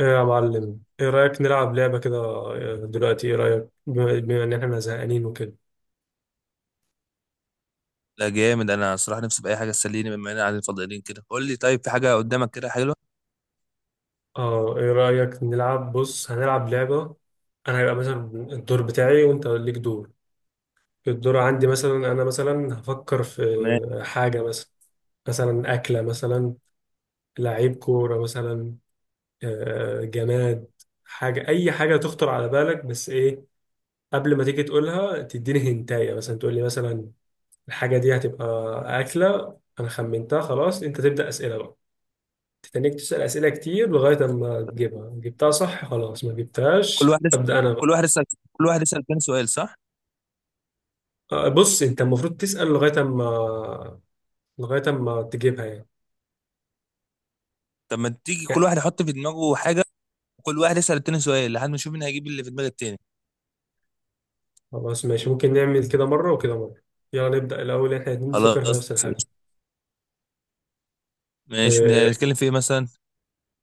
ايه يا معلم، ايه رأيك نلعب لعبة كده؟ دلوقتي ايه رأيك بما ان احنا زهقانين وكده؟ لا جامد. انا صراحه نفسي باي حاجه تسليني بما اننا قاعدين فاضيين كده. قول لي طيب، في حاجه قدامك كده حلوه؟ اه ايه رأيك نلعب؟ بص هنلعب لعبة. انا هيبقى مثلا الدور بتاعي وانت ليك دور. الدور عندي مثلا، انا مثلا هفكر في ماشي. حاجة مثلا. مثلا أكلة مثلا، لعيب كورة مثلا، جماد، حاجة، أي حاجة تخطر على بالك، بس إيه، قبل ما تيجي تقولها تديني هنتاية، مثلا تقول لي مثلا الحاجة دي هتبقى أكلة. أنا خمنتها خلاص، أنت تبدأ أسئلة بقى، تتنيك تسأل أسئلة كتير لغاية أما تجيبها. جبتها صح، خلاص. ما جبتهاش، كل واحد يسأل، أبدأ أنا كل بقى. واحد يسال، كل واحد يسال تاني سؤال، صح؟ بص أنت المفروض تسأل لغاية أما، تجيبها يعني طب ما تيجي كل يعني واحد يحط في دماغه حاجه، وكل واحد يسال التاني سؤال لحد ما نشوف مين هيجيب اللي في دماغ التاني. خلاص ماشي، ممكن نعمل كده مرة وكده مرة. يلا نبدأ الأول، إحنا الاتنين نفكر في خلاص نفس الحاجة. ماشي. آه، نتكلم في ايه مثلا؟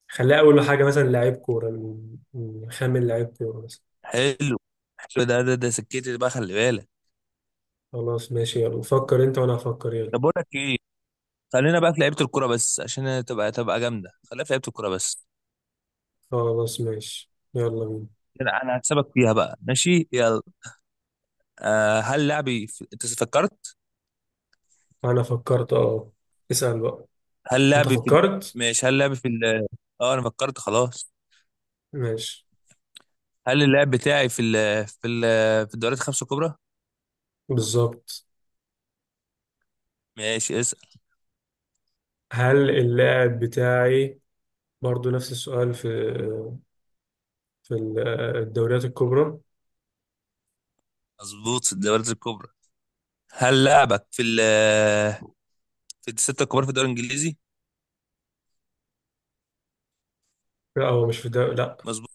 خليها أول حاجة مثلا لعيب كورة، نخمن لعيب كورة مثلا. حلو. حلو ده ده سكتي بقى، خلي بالك. خلاص ماشي، يلا فكر أنت وأنا هفكر، يلا. طب بقول لك ايه، خلينا بقى في لعيبه الكوره بس عشان تبقى جامده، خلينا في لعيبه الكوره بس. خلاص ماشي، يلا بينا. انا هكسبك فيها بقى. ماشي يلا. آه، هل لاعبي في... انت فكرت؟ انا فكرت، اه. اسأل بقى. هل انت لعبي في ال-؟ فكرت. ماشي، هل لعبي في ال-؟ اه انا فكرت خلاص. ماشي. هل اللعب بتاعي في ال في ال في الدوريات الخمسة الكبرى؟ بالظبط. ماشي اسأل. هل اللاعب بتاعي برضو نفس السؤال في في ال- الدوريات الكبرى؟ مظبوط، في الدوريات الكبرى. هل لعبك في ال في الستة الكبار في الدوري الانجليزي؟ لا، هو مش في الدوري، لا. مظبوط.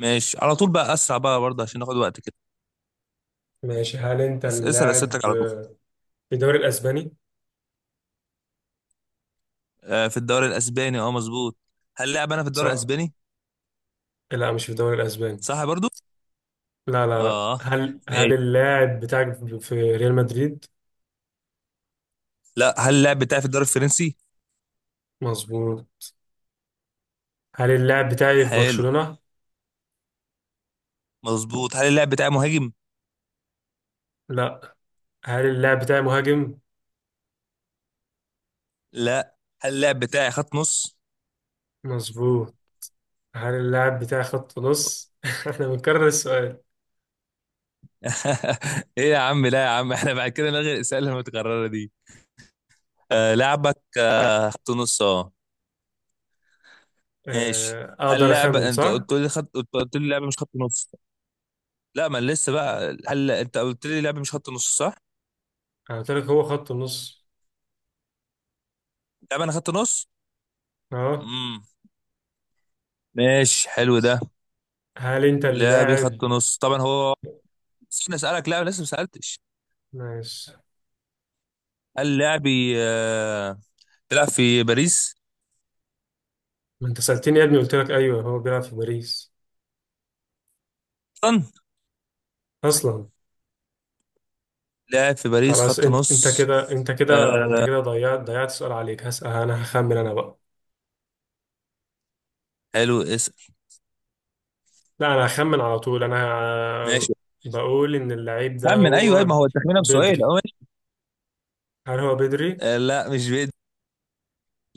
ماشي، على طول بقى، اسرع بقى برضه عشان ناخد وقت كده. ماشي. هل انت اسأل اللاعب اسئلتك على طول. في الدوري الاسباني؟ آه، في الدوري الاسباني؟ اه مظبوط. هل لعب انا في الدوري صح. الاسباني؟ لا، مش في الدوري الاسباني. صح برضه. لا لا لا، اه هل ماشي. اللاعب بتاعك في ريال مدريد؟ لا، هل اللعب بتاعي في الدوري الفرنسي؟ مظبوط. هل اللاعب بتاعي في حلو. برشلونة؟ مظبوط. هل اللعب بتاعي مهاجم؟ لا. هل اللاعب بتاعي مهاجم؟ لا. هل اللعب بتاعي خط نص؟ مظبوط. هل اللاعب بتاعي خط نص؟ احنا بنكرر السؤال. ايه يا عم، لا يا عم، احنا بعد كده نلغي الاسئله المتكرره دي. آه لعبك آه خط نص اه. ماشي. هل اقدر اخمن، لعبه انت صح؟ قلت لي خط، قلت لي لعبه مش خط نص. لا ما أنا لسه بقى، هل انت قلت لي لعبه مش خط نص، صح؟ انا قلت لك هو خط النص. لعبه انا خط نص. اه، امم ماشي، حلو ده. هل انت لعبي اللاعب؟ خط نص طبعا هو. نسينا اسالك، لا لسه ما سالتش. ماشي. هل لعبي بيلعب في باريس؟ ما انت سألتني يا ابني، قلت لك ايوه، هو بيلعب في باريس، اصلا. اصلا. لاعب في باريس خلاص، خط انت انت نص. كده انت كده انت آه كده ضيعت سؤال عليك. هسأل انا، هخمن انا بقى. حلو. اسال. لا، انا هخمن على طول، انا. ماشي، بقول ان اللعيب ده خمن. ايوه أيوة، هو ما هو التخمينه بسؤال. بدري. هل هو بدري؟ لا مش بدي.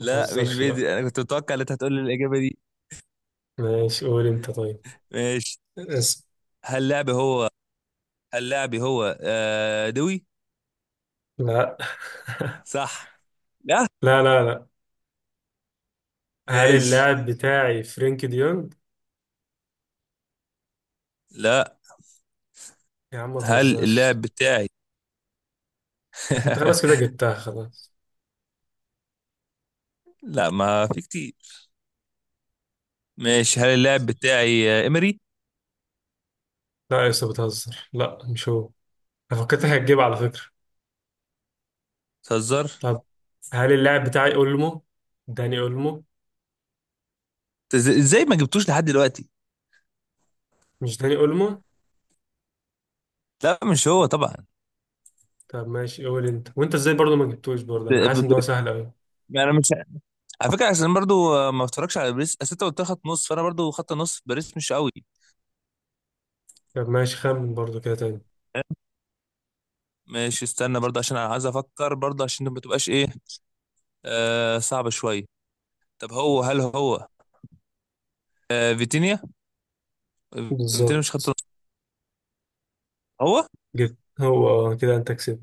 ما مش تهزرش بقى. بدي، انا كنت متوقع ان انت هتقول لي الاجابه دي. ماشي قول انت. ماشي. طيب. هل لعبي هو، هل لعبي هو دوي؟ لا. صح؟ لا. لا لا لا. هل ماشي. اللاعب بتاعي فرينك ديونج؟ لا يا عم ما هل تهزرش. اللاعب بتاعي انت خلاص كده جبتها خلاص. لا، ما في كتير. ماشي، هل اللاعب بتاعي امري؟ لا يا اسطى، بتهزر، لا مش هو. انا فكرتك هتجيب، على فكرة. تهزر. طب، هل اللاعب بتاعي اولمو؟ داني اولمو؟ ازاي ما جبتوش لحد دلوقتي؟ مش داني اولمو؟ لا مش هو طبعا. طب ماشي، قول انت. وانت ازاي برضه ما جبتوش ب- برضه؟ انا حاسس ب- ان ب- هو سهل قوي. انا مش، على فكره، عشان أنا برضو، ما اتفرجش على باريس، اصل انت قلت لي خط نص، فانا برضو خط نص في باريس مش قوي. طب ماشي، خمن برضه كده تاني. ماشي، استنى برضه عشان انا عايز افكر برضه عشان ما تبقاش ايه، آه، صعبة شوية. طب هو، هل هو فيتينيا؟ فيتينيا مش خط بالظبط. نص، هو؟ جبت، هو. كده انت كسبت.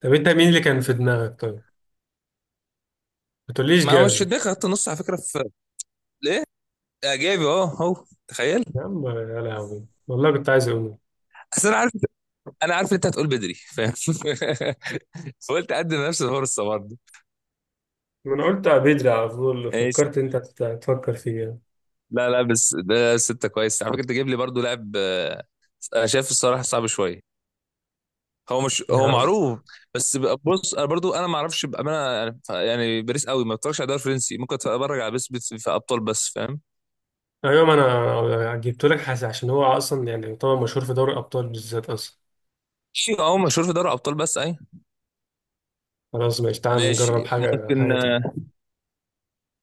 طب انت مين اللي كان في دماغك طيب؟ ما تقوليش ما مش في جافي. دماغي خط نص على فكرة، في ليه اعجابي اه هو، تخيل. يا عم يا لهوي، والله كنت عايز اقول. اصل انا عارف، انا عارف إن انت هتقول بدري، فاهم؟ فقلت اقدم نفس الفرصة برضه. ما انا قلت بدري على طول، ايش؟ فكرت انت تفكر فيه يعني. لا لا بس ده ستة كويس على فكرة، انت جايب لي برضه لاعب انا شايف الصراحة صعب شوية. هو مش هو يعني- معروف. بص، انا برضو انا ما اعرفش بامانه. يعني يعني باريس قوي ما بتفرجش على الدوري الفرنسي، ممكن اتفرج على في ابطال بس، فاهم؟ ايوه، ما انا جبته لك حاجة عشان هو اصلا يعني طبعا مشهور في دوري الابطال بالذات اصلا. ماشي. اه مشهور في دوري ابطال بس، اي. خلاص ماشي، تعال نجرب ماشي حاجه ممكن. حاجه تانية.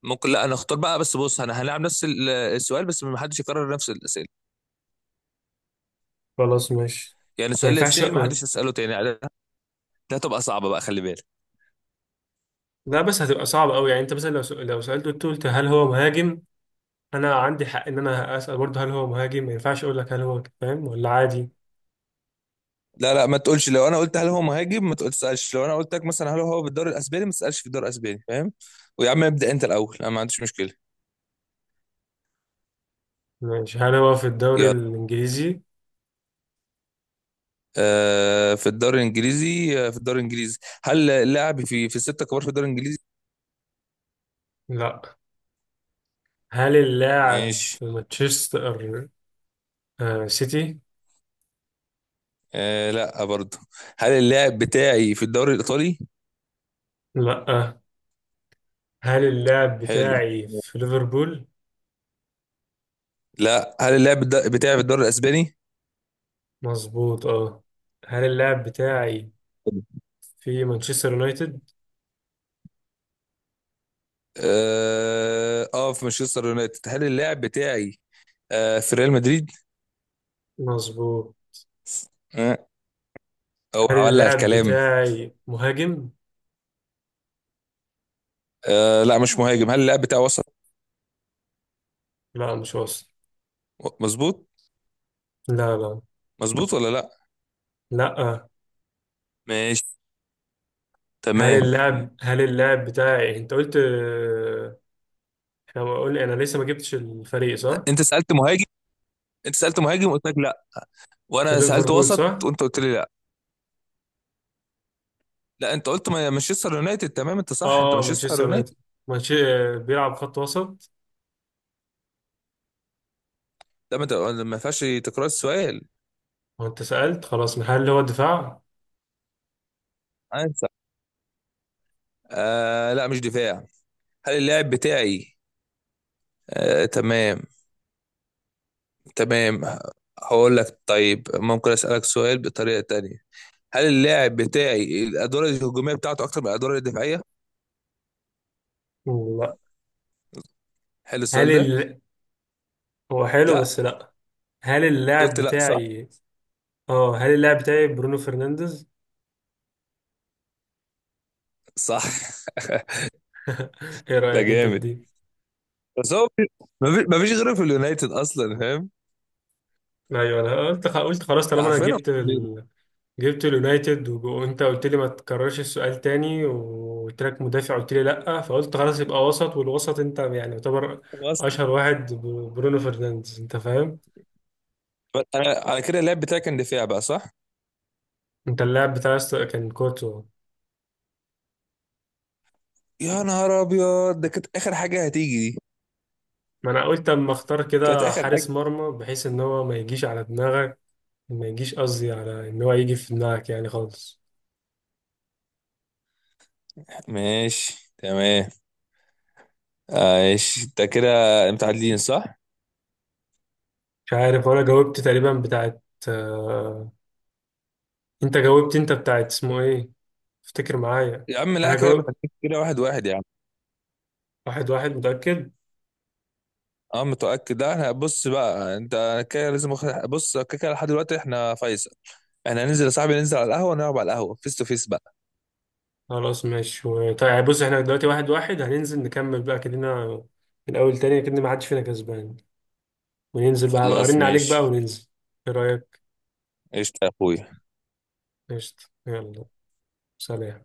ممكن لا، انا اختار بقى. بس بص، انا هنلعب نفس السؤال، بس ما حدش يكرر نفس الاسئله. خلاص ماشي. يعني ما السؤال اللي ينفعش. اتسال ما حدش يساله تاني. ده ده هتبقى صعبه بقى، خلي بالك. لا بس هتبقى صعب قوي. يعني انت مثلا لو سالته، قلت هل هو مهاجم، انا عندي حق ان انا اسال برضه هل هو مهاجم. ما ينفعش اقول لك هل هو فاهم ولا عادي. لا لا، ما تقولش، لو انا قلت هل هو مهاجم، ما تقولش تسالش. لو انا قلت لك مثلا هل هو في الدوري الاسباني، ما تسالش في الدوري الاسباني، فاهم؟ ويا عم ابدا، انت الاول، انا ما عنديش مشكله. ماشي، هل هو في الدوري يلا. الانجليزي؟ آه في الدوري الانجليزي. آه في الدوري الانجليزي. هل اللاعب في في الستة كبار في الدوري الانجليزي؟ لا. هل اللاعب ماشي. في مانشستر سيتي؟ آه لا برضه. هل اللاعب بتاعي في الدوري الايطالي؟ لا. هل اللاعب حلو. بتاعي في ليفربول؟ لا هل بتاعي في الدوري الاسباني؟ مظبوط، اه. هل اللاعب بتاعي في مانشستر يونايتد؟ اه آه، في مانشستر يونايتد؟ هل اللاعب بتاعي آه في ريال مدريد؟ مظبوط. آه. او هل ولع اللاعب الكلام. بتاعي مهاجم؟ آه لا مش مهاجم. هل اللاعب بتاعي وسط؟ لا، مش وسط. مظبوط. لا لا مظبوط ولا لا؟ لا، آه. ماشي، هل تمام. اللاعب هل اللاعب بتاعي، انت قلت، احنا قلنا انا لسه ما جبتش الفريق، صح؟ انت سألت مهاجم، انت سألت مهاجم قلت لك لا، في وانا سألت ليفربول وسط صح؟ وانت قلت لي لا. لا انت قلت مانشستر يونايتد، تمام انت صح، انت اه، مانشستر مانشستر يونايتد. يونايتد. مانشستر بيلعب خط وسط. ده ما فيهاش تكرار السؤال. وانت سألت خلاص، هل هو الدفاع؟ عارف. آه لا مش دفاع. هل اللاعب بتاعي آه، تمام، تمام. هقول لك طيب، ممكن أسألك سؤال بطريقة تانية؟ هل اللاعب بتاعي الأدوار الهجومية بتاعته أكتر من الأدوار الدفاعية؟ لا. حلو هل السؤال ده؟ ال... هو حلو لا، بس لا. هل اللاعب قلت لا صح؟ بتاعي، اه هل اللاعب بتاعي برونو فرنانديز. صح. ايه لا رأيك انت في جامد. دي؟ بس هو، مفيش مفيش غيره في اليونايتد أصلا، فاهم؟ ايوه، انا قلت خلاص، ده طالما انا عارفين هو. جبت ال... جبت اليونايتد، وانت قلت لي ما تكررش السؤال تاني، وقلت لك مدافع، قلت لي لا، فقلت خلاص يبقى وسط، والوسط انت يعني يعتبر هو أصلا. اشهر واحد برونو فرنانديز، انت فاهم. بس أنا على كده اللاعب بتاعي كان دفاع بقى، صح؟ انت اللاعب بتاعي كان كورتو. يا نهار أبيض، ده كانت آخر حاجة هتيجي دي. ما انا قلت اما اختار كانت كده آخر حارس حاجة. مرمى بحيث ان هو ما يجيش على دماغك. ما يجيش، قصدي على ان هو يجي في دماغك يعني خالص. ماشي تمام. ماشي ده كده متعادلين، صح؟ مش عارف، ولا جاوبت تقريبا بتاعت، آه، انت جاوبت، انت بتاعت اسمه ايه، افتكر معايا. يا عم لا، انا كده جاوب، متأكد كده، واحد واحد يا عم. واحد واحد، متأكد. اه متأكد. لا احنا بص بقى، انت أنا كده لازم بص كده، كده لحد دلوقتي احنا فيصل. احنا هننزل يا صاحبي، ننزل على القهوة، نلعب على القهوة فيس تو فيس بقى. خلاص ماشي طيب بص احنا دلوقتي واحد واحد، هننزل نكمل بقى كلنا من الاول تاني كده، ما حدش فينا كسبان. وننزل بقى، هبقى خلاص ارن عليك ماشي. بقى، وننزل. ايه رأيك؟ قشطة يا اخويا. قشطة يلا. سلام.